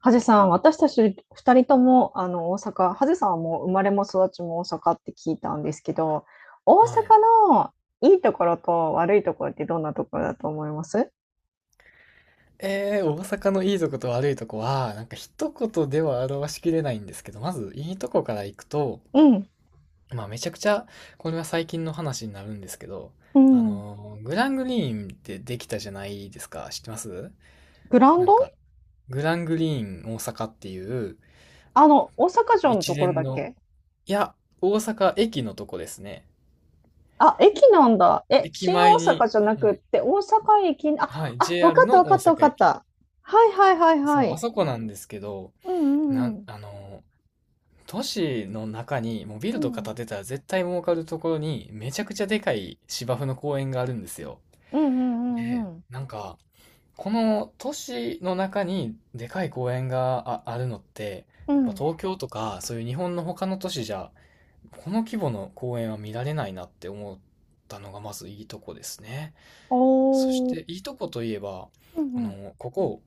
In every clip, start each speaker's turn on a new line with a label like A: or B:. A: ハゼさん、私たち2人ともあの大阪、ハゼさんはもう生まれも育ちも大阪って聞いたんですけど、大阪
B: はい。
A: のいいところと悪いところってどんなところだと思います？
B: 大阪のいいとこと悪いとこは、なんか一言では表しきれないんですけど、まずいいとこから行くと、
A: うん、
B: まあめちゃくちゃ、これは最近の話になるんですけど、
A: うん。
B: グラングリーンってできたじゃないですか。知ってます
A: グラン
B: なん
A: ド、
B: か、グラングリーン大阪っていう
A: あの、大阪城の
B: 一
A: ところ
B: 連
A: だっ
B: の、
A: け？
B: いや、大阪駅のとこですね。
A: あ、駅なんだ。え、
B: 駅
A: 新大
B: 前に、
A: 阪じゃな
B: は
A: くっ
B: い、
A: て、大阪駅、あ、
B: はい、
A: あ、わか
B: JR
A: ったわ
B: の
A: か
B: 大
A: ったわ
B: 阪
A: かっ
B: 駅。
A: た。はいはいはいは
B: そう、あ
A: い。
B: そこなんですけど、
A: うんう
B: な
A: んう
B: ん、
A: ん。
B: あのー、都市の中にもうビ
A: う
B: ルとか
A: ん。
B: 建てたら絶対儲かるところにめちゃくちゃでかい芝生の公園があるんですよ。
A: うんうんうん
B: で、
A: うん。
B: なんか、この都市の中にでかい公園があるのって、
A: う
B: やっぱ
A: ん。
B: 東京とかそういう日本の他の都市じゃ、この規模の公園は見られないなって思ったのがまずいいとこですね。そし
A: お
B: て、
A: ー。
B: いいとこといえば、
A: うんうん。
B: ここ、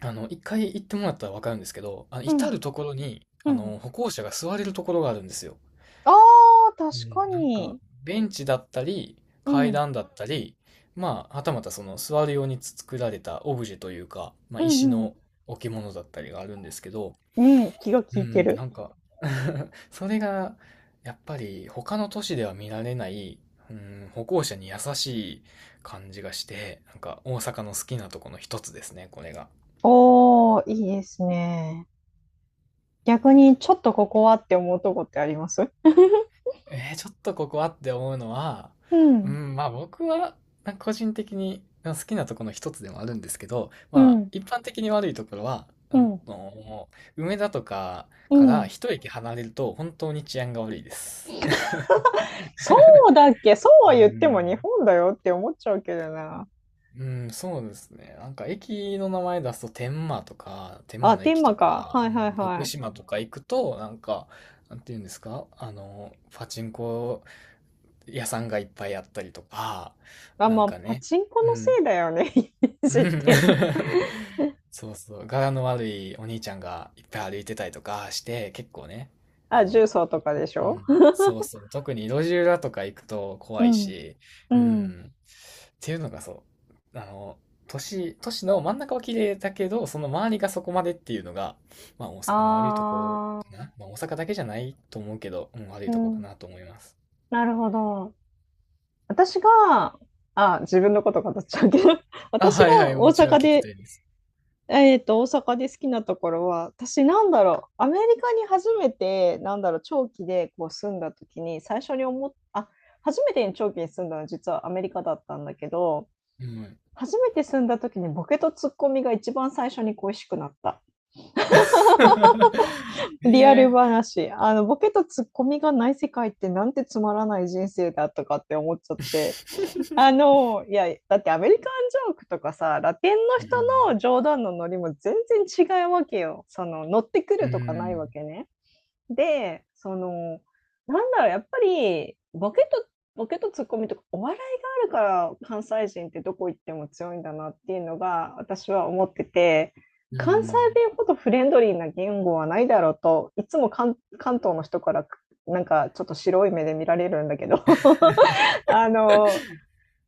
B: 一回行ってもらったらわかるんですけど、
A: う
B: 至
A: ん
B: るところに、
A: うん。
B: 歩行者が座れるところがあるんですよ。
A: ああ、確
B: うん、
A: か
B: なんか、
A: に。
B: ベンチだったり、
A: う
B: 階
A: ん。
B: 段だったり、まあ、はたまたその座るように作られたオブジェというか、まあ、
A: うんう
B: 石
A: んうん。
B: の置物だったりがあるんですけど、
A: うん、気が
B: うん
A: 利
B: う
A: いて
B: ん、
A: る。
B: なんか それが、やっぱり他の都市では見られない、うん、歩行者に優しい感じがして、なんか大阪の好きなとこの一つですね、これが。
A: おお、いいですね。逆にちょっとここはって思うとこってあります？
B: ちょっとここはって思うのは、
A: う
B: う
A: ん、
B: ん、まあ僕は、なんか個人的に好きなところの一つでもあるんですけど、
A: う
B: まあ
A: ん、
B: 一般的に悪いところは、
A: うん、
B: の、梅田とか
A: う
B: から
A: ん。
B: 一駅離れると本当に治安が悪いです。
A: そうだっけ？そうは
B: う
A: 言っても
B: ん、
A: 日本だよって思っちゃうけどな。
B: うんそうですね。なんか駅の名前出すと天満とか、天
A: あ、
B: 満の
A: テー
B: 駅と
A: マか。
B: か、
A: はいはい
B: うん福
A: はい。
B: 島とか行くと、なんか、なんていうんですか、パチンコ屋さんがいっぱいあったりとか、
A: あ、
B: なん
A: ま、あ
B: か
A: パ
B: ね、
A: チンコ
B: う
A: のせ
B: ん、
A: いだよね、イメ ー
B: う
A: ジって。
B: ん。そうそう、柄の悪いお兄ちゃんがいっぱい歩いてたりとかして、結構ね、あ
A: あ、
B: の、
A: 重曹とかでし
B: う
A: ょ？
B: ん、そうそう、特に路地裏とか行くと怖
A: う
B: い
A: ん、
B: し、
A: う
B: う
A: ん。
B: ん、っていうのがう、あの、都市の真ん中は綺麗だけど、その周りがそこまでっていうのが、まあ大阪の悪いとこ
A: あ
B: かな。
A: あ、
B: まあ大阪だけじゃないと思うけど、うん、悪い
A: う
B: とこか
A: ん、
B: なと思います。
A: なるほど。私が、あ、自分のこと語っちゃうけど、
B: あ、
A: 私
B: はいは
A: が
B: い、
A: 大
B: もちろん
A: 阪
B: 聞きた
A: で、
B: いです。
A: 大阪で好きなところは、私なんだろう、アメリカに初めて、なんだろう、長期でこう住んだ時に、最初に思っあ、初めて長期に住んだのは実はアメリカだったんだけど、
B: うん。
A: 初めて住んだ時にボケとツッコミが一番最初に恋しくなった。リアル
B: ええ
A: 話。ボケとツッコミがない世界ってなんてつまらない人生だとかって思っちゃっ
B: ー。
A: て。いや、だってアメリカンジョークとかさ、ラテンの人の冗談のノリも全然違うわけよ。その、乗ってく
B: う
A: るとかないわ
B: ん。
A: けね。で、その、なんだろう、やっぱり、ボケとツッコミとか、お笑いがあるから関西人ってどこ行っても強いんだなっていうのが、私は思ってて、
B: うん。う
A: 関西
B: ん。
A: 弁ほどフレンドリーな言語はないだろうと、いつも関東の人から、なんかちょっと白い目で見られるんだけど、あの、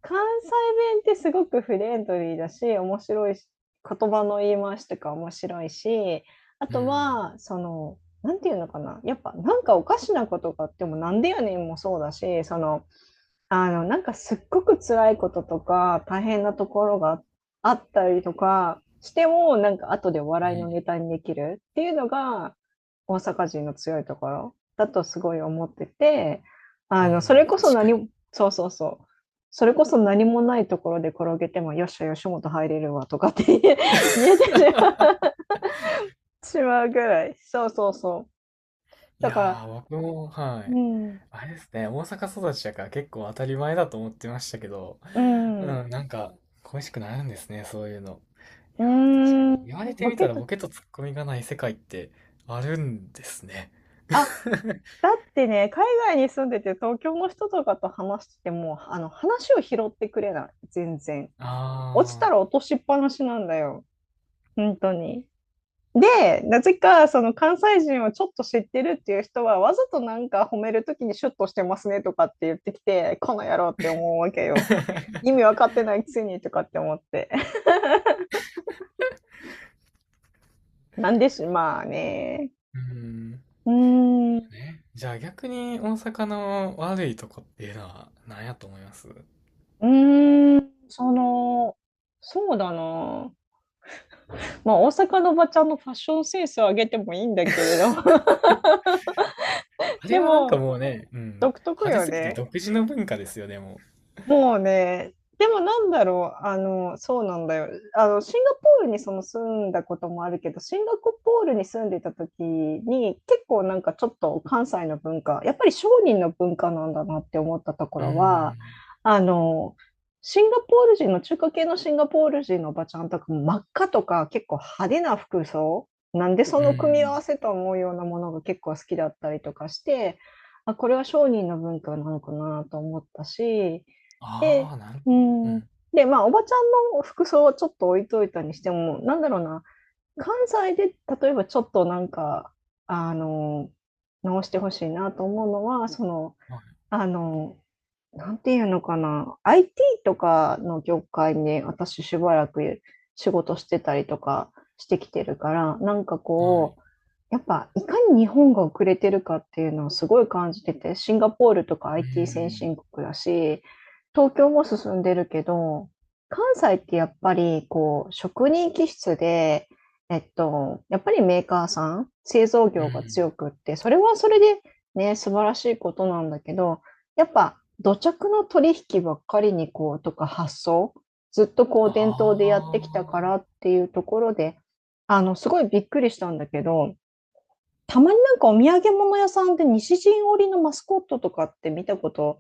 A: 関西弁ってすごくフレンドリーだし、面白いし、言葉の言い回しとか面白いし、あとは、その、なんていうのかな、やっぱなんかおかしなことがあっても、なんでやねんもそうだし、その、なんかすっごく辛いこととか、大変なところがあったりとかしても、なんか後で
B: う
A: 笑い
B: ん。
A: のネタにできるっていうのが、大阪人の強いところだとすごい思ってて、
B: う
A: それ
B: ん。
A: こそ
B: 確か
A: 何
B: に。
A: もそうそうそう。それこそ何もないところで転げても、よっしゃ、吉本入れるわとかって言え 言えてしまうぐらい。そうそうそう。
B: い
A: だ
B: や
A: から、
B: ー、僕も、は
A: う
B: い。
A: ん、
B: あれですね、大阪育ちだから結構当たり前だと思ってましたけど、
A: う
B: う
A: ん、う
B: ん、なんか恋しくなるんですね、そういうの。い
A: ー
B: やー、確か
A: ん、
B: に。言われて
A: ボ
B: み
A: ケ
B: たら
A: と、
B: ボケとツッコミがない世界ってあるんですね。
A: あ、だってね、海外に住んでて東京の人とかと話してても、話を拾ってくれない、全然。落ちた
B: あ
A: ら
B: あ。
A: 落としっぱなしなんだよ、本当に。で、なぜかその関西人をちょっと知ってるっていう人は、わざとなんか褒めるときにシュッとしてますねとかって言ってきて、この野郎って思うわけよ。意味わかってないくせにとかって思って。なんでしまあね。
B: うん。
A: うーん、う
B: ね。じゃあ逆に大阪の悪いとこっていうのは何やと思います
A: ーん、その、そうだな。まあ、大阪のおばちゃんのファッションセンスを上げてもいいんだけれ ど、
B: あれ
A: で
B: はなんか
A: も、
B: もうね、うん、
A: 独特
B: 派手
A: よ
B: すぎて
A: ね。
B: 独自の文化ですよね、でも
A: もうね、でもなんだろう、そうなんだよ。シンガポールにその住んだこともあるけど、シンガポールに住んでた時に、結構なんかちょっと関西の文化、やっぱり商人の文化なんだなって思ったとこ
B: う。うー
A: ろは、
B: ん。
A: あの、シンガポール人の中華系のシンガポール人のおばちゃんとかも真っ赤とか結構派手な服装、なんでそ
B: う
A: の組み合
B: ん。
A: わせと思うようなものが結構好きだったりとかして、あ、これは商人の文化なのかなと思ったし、
B: あ
A: で、
B: あ、なる
A: う
B: ほど。う
A: ん。
B: ん。
A: で、まあ、おばちゃんの服装はちょっと置いといたにしても、なんだろうな、関西で例えばちょっとなんか、あの、直してほしいなと思うのは、その、
B: は
A: あの、なんていうのかな、IT とかの業界に私しばらく仕事してたりとかしてきてるから、なんか
B: い。はい。
A: こう、やっぱいかに日本が遅れてるかっていうのをすごい感じてて、シンガポールとか
B: う
A: IT 先
B: ん。
A: 進国だし、東京も進んでるけど、関西ってやっぱりこう職人気質で、やっぱりメーカーさん、製造
B: う
A: 業が強
B: ん。
A: くって、それはそれでね、素晴らしいことなんだけど、やっぱ土着の取引ばっかりにこうとか発想ずっとこう伝統
B: あ
A: でやってきたから
B: あ。
A: っていうところで、すごいびっくりしたんだけど、たまになんかお土産物屋さんで西陣織のマスコットとかって見たこと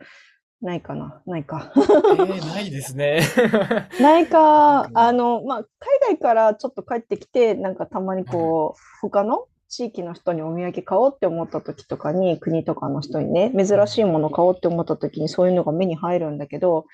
A: ないかな、ないか
B: ええー、な いですね。な
A: ない
B: んか
A: か、
B: もう、
A: まあ、海外からちょっと帰ってきて、なんかたまに
B: はい。
A: こう、他の地域の人にお土産買おうって思った時とかに、国とかの人にね、
B: う
A: 珍しい
B: ん。
A: もの買おうって思った時にそういうのが目に入るんだけど、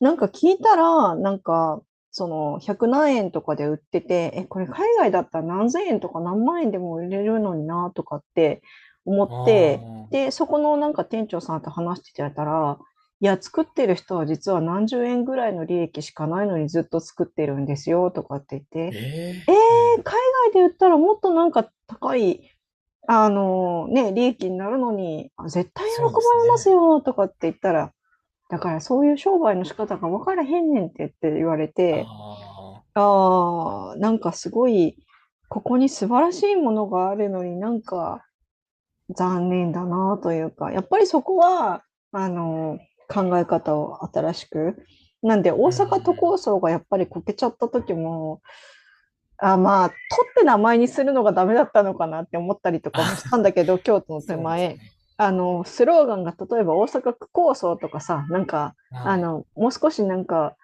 A: なんか聞いたら、なんか、その100何円とかで売ってて、え、これ海外だったら何千円とか何万円でも売れるのになとかって思っ
B: あ
A: て、
B: あ。
A: で、そこのなんか店長さんと話してたら、いや、作ってる人は実は何十円ぐらいの利益しかないのにずっと作ってるんですよとかって言って、
B: ええー、う
A: え、
B: ん。
A: 海外で売ったらもっとなんか高い、あのね、利益になるのに、あ絶対喜
B: そう
A: ば
B: で
A: れ
B: す
A: ます
B: ね。
A: よとかって言ったら、だからそういう商売の仕方が分からへんねんってって言われ
B: あ
A: て、
B: あ。
A: ああ、なんかすごい、ここに素晴らしいものがあるのになんか残念だなというか、やっぱりそこは、あの、考え方を新しく。なんで大
B: うん。
A: 阪都構想がやっぱりこけちゃった時も、あ、まあ、取って名前にするのがダメだったのかなって思ったりとか
B: あ、
A: もしたんだけど、京都 の手
B: そうです
A: 前、
B: ね。
A: スローガンが例えば大阪区構想とかさ、なんか、
B: はい。
A: もう少しなんか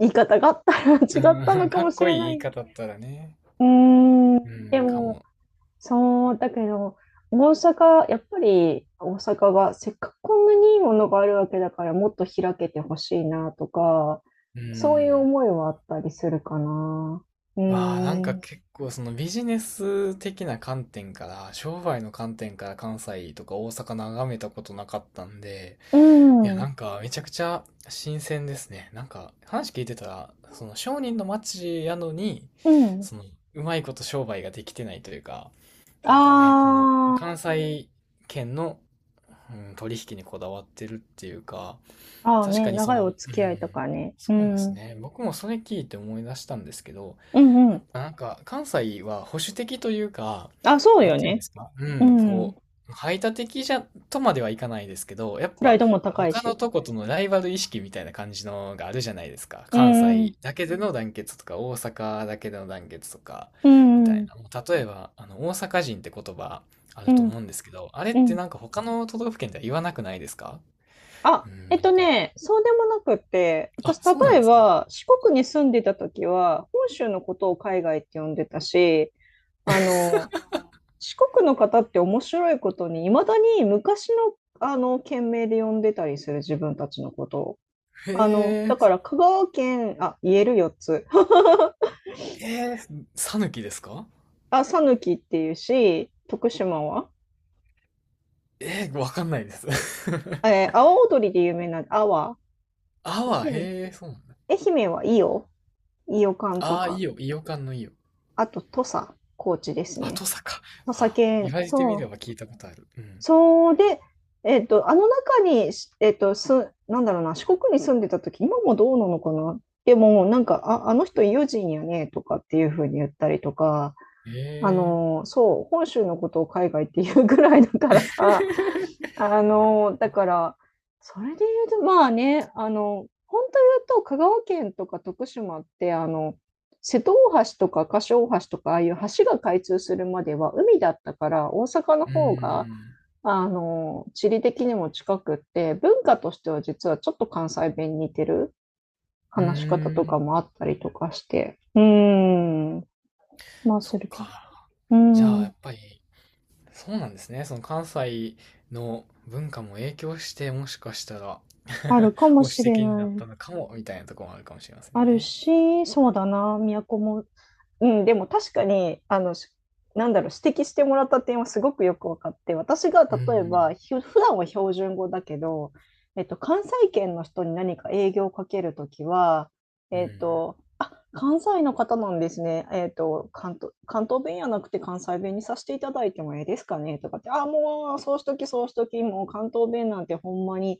A: 言い方があったら違った
B: う
A: の
B: ん
A: か
B: かっ
A: もし
B: こい
A: れ
B: い
A: な
B: 言い
A: い。
B: 方だったらね。うん、
A: で
B: か
A: も、
B: も。
A: そう、だけど、大阪、やっぱり大阪がせっかくこんなにいいものがあるわけだからもっと開けてほしいなとか、
B: う
A: そういう
B: ん。
A: 思いはあったりするかな。う
B: わあ、なん
A: ー
B: か
A: ん。
B: 結構そのビジネス的な観点から、商売の観点から関西とか大阪眺めたことなかったんで、
A: う
B: いや、な
A: ん。
B: んかめちゃくちゃ新鮮ですね。なんか話聞いてたら、その商人の街やのに、
A: うん。
B: そのうまいこと商売ができてないというか、なん
A: あ
B: かね、この関西圏の、うん、取引にこだわってるっていうか、
A: あ、ああ、
B: 確
A: ね、
B: かにそ
A: 長い
B: の、う
A: お付き合いと
B: ん、
A: かね。
B: そ
A: う
B: うです
A: ん。
B: ね。僕もそれ聞いて思い出したんですけど、
A: うんう
B: やっ
A: ん。
B: ぱなんか関西は保守的というか、
A: あ、そう
B: なん
A: よ
B: ていうんで
A: ね。
B: すか、う
A: う
B: ん、
A: ん。
B: こう、排他的じゃ、とまではいかないですけど、やっ
A: プライ
B: ぱ
A: ドも高い
B: 他の
A: し。
B: とことのライバル意識みたいな感じのがあるじゃないですか。
A: う
B: 関
A: んう
B: 西
A: ん。
B: だけでの団結とか、大阪だけでの団結とか、
A: う
B: み
A: ん
B: た
A: う
B: い
A: ん。
B: な。もう例えば、大阪人って言葉あ
A: う
B: ると思
A: ん
B: うんですけど、あれっ
A: う
B: てな
A: ん。
B: んか他の都道府県では言わなくないですか。
A: あ、
B: うん、なんか
A: そうでもなくって、
B: あ、
A: 私、例
B: そうなん
A: え
B: ですね。
A: ば、四国に住んでた時は、本州のことを海外って呼んでたし、あの、四国の方って面白いことに、いまだに昔の、県名で呼んでたりする、自分たちのことを。
B: へ
A: だか
B: え、
A: ら香川県、あ、言える4つ。
B: えー、さぬきですか。
A: あ、さぬきっていうし、徳島は
B: えー、わかんないです。
A: えー、阿波踊りで有名な阿波。
B: あは、
A: で
B: へえ、そうなんだ。
A: 愛媛は伊予、伊予館と
B: ああ、い
A: か、
B: いよ、いよかんのいいよ。
A: あと土佐、高知です
B: あ、
A: ね。
B: とさか。
A: 土佐
B: あ、言
A: 犬、
B: われてみ
A: そ
B: れ
A: う。
B: ば聞いたことある。うん。
A: そうで、えっと、あの中に、しえっと、す、なんだろうな、四国に住んでた時、今もどうなのかな。でも、なんか、あ、あの人、伊予人やね、とかっていう風に言ったりとか、
B: へ
A: あ
B: え。
A: のーそう、本州のことを海外っていうぐらいだからさ、だから、それで言うと、まあね、本当言うと、香川県とか徳島って、瀬戸大橋とか柏大橋とか、ああいう橋が開通するまでは海だったから、大阪の
B: うー
A: 方が、
B: ん。
A: 地理的にも近くって、文化としては実はちょっと関西弁に似てる
B: う
A: 話し方
B: ー
A: とか
B: ん。
A: もあったりとかして。うーん。まあ、
B: そ
A: す
B: っ
A: るけど。
B: か。
A: うー
B: じゃあ、や
A: ん。
B: っぱり、そうなんですね。その関西の文化も影響して、もしかしたら
A: あ るかも
B: 保守
A: しれ
B: 的 にな
A: な
B: った
A: い。
B: のかも、みたいなところもあるかもしれません
A: ある
B: ね。
A: し、そうだな、宮古もうん、でも確かに、なんだろう、指摘してもらった点はすごくよく分かって、私が
B: う
A: 例え
B: ん。
A: ば、普段は標準語だけど、関西圏の人に何か営業をかけるときは、
B: うん。
A: 「あ、関西の方なんですね。関東弁やなくて関西弁にさせていただいてもええですかね」とかって、「あ、もう、そうしとき、もう関東弁なんてほんまに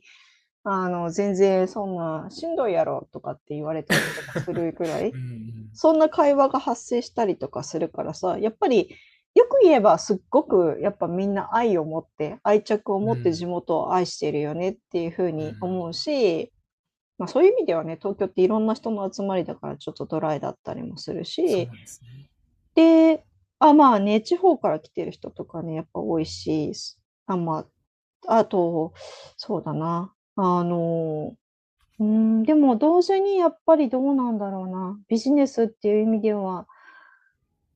A: 全然そんな「しんどいやろ」とかって言われたりとかするぐら
B: う
A: い、
B: ん
A: そんな会話が発生したりとかするからさ、やっぱり、よく言えばすっごくやっぱみんな愛を持って、愛着を
B: うん。う
A: 持って地
B: ん
A: 元を愛してるよねっていう風
B: う
A: に
B: ん。
A: 思うし、まあ、そういう意味ではね、東京っていろんな人の集まりだからちょっとドライだったりもする
B: そう
A: し、
B: なんですね。
A: で、あ、まあね、地方から来てる人とかね、やっぱ多いし、あ、まあ、あと、そうだな、あのうーん、でも同時にやっぱりどうなんだろうな、ビジネスっていう意味では、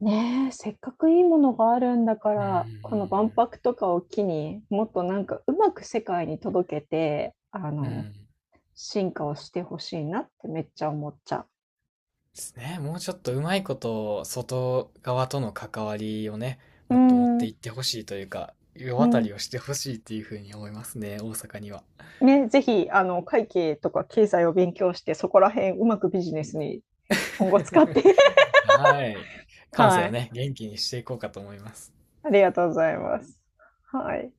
A: ねえ、せっかくいいものがあるんだか
B: うんう
A: ら、この万
B: ん
A: 博とかを機に、もっとなんかうまく世界に届けて、
B: うん。
A: 進化をしてほしいなってめっちゃ思っちゃ
B: ですね。もうちょっとうまいこと、外側との関わりをね、
A: う。うー
B: もっと持ってい
A: ん、
B: ってほしいというか、世
A: う
B: 渡
A: ん。
B: りをしてほしいっていうふうに思いますね、大阪には。
A: ね、ぜひあの、会計とか経済を勉強して、そこら辺うまくビジネスに今後使って
B: はい。関西
A: は
B: を
A: い、
B: ね、元気にしていこうかと思います。
A: ありがとうございます。はい。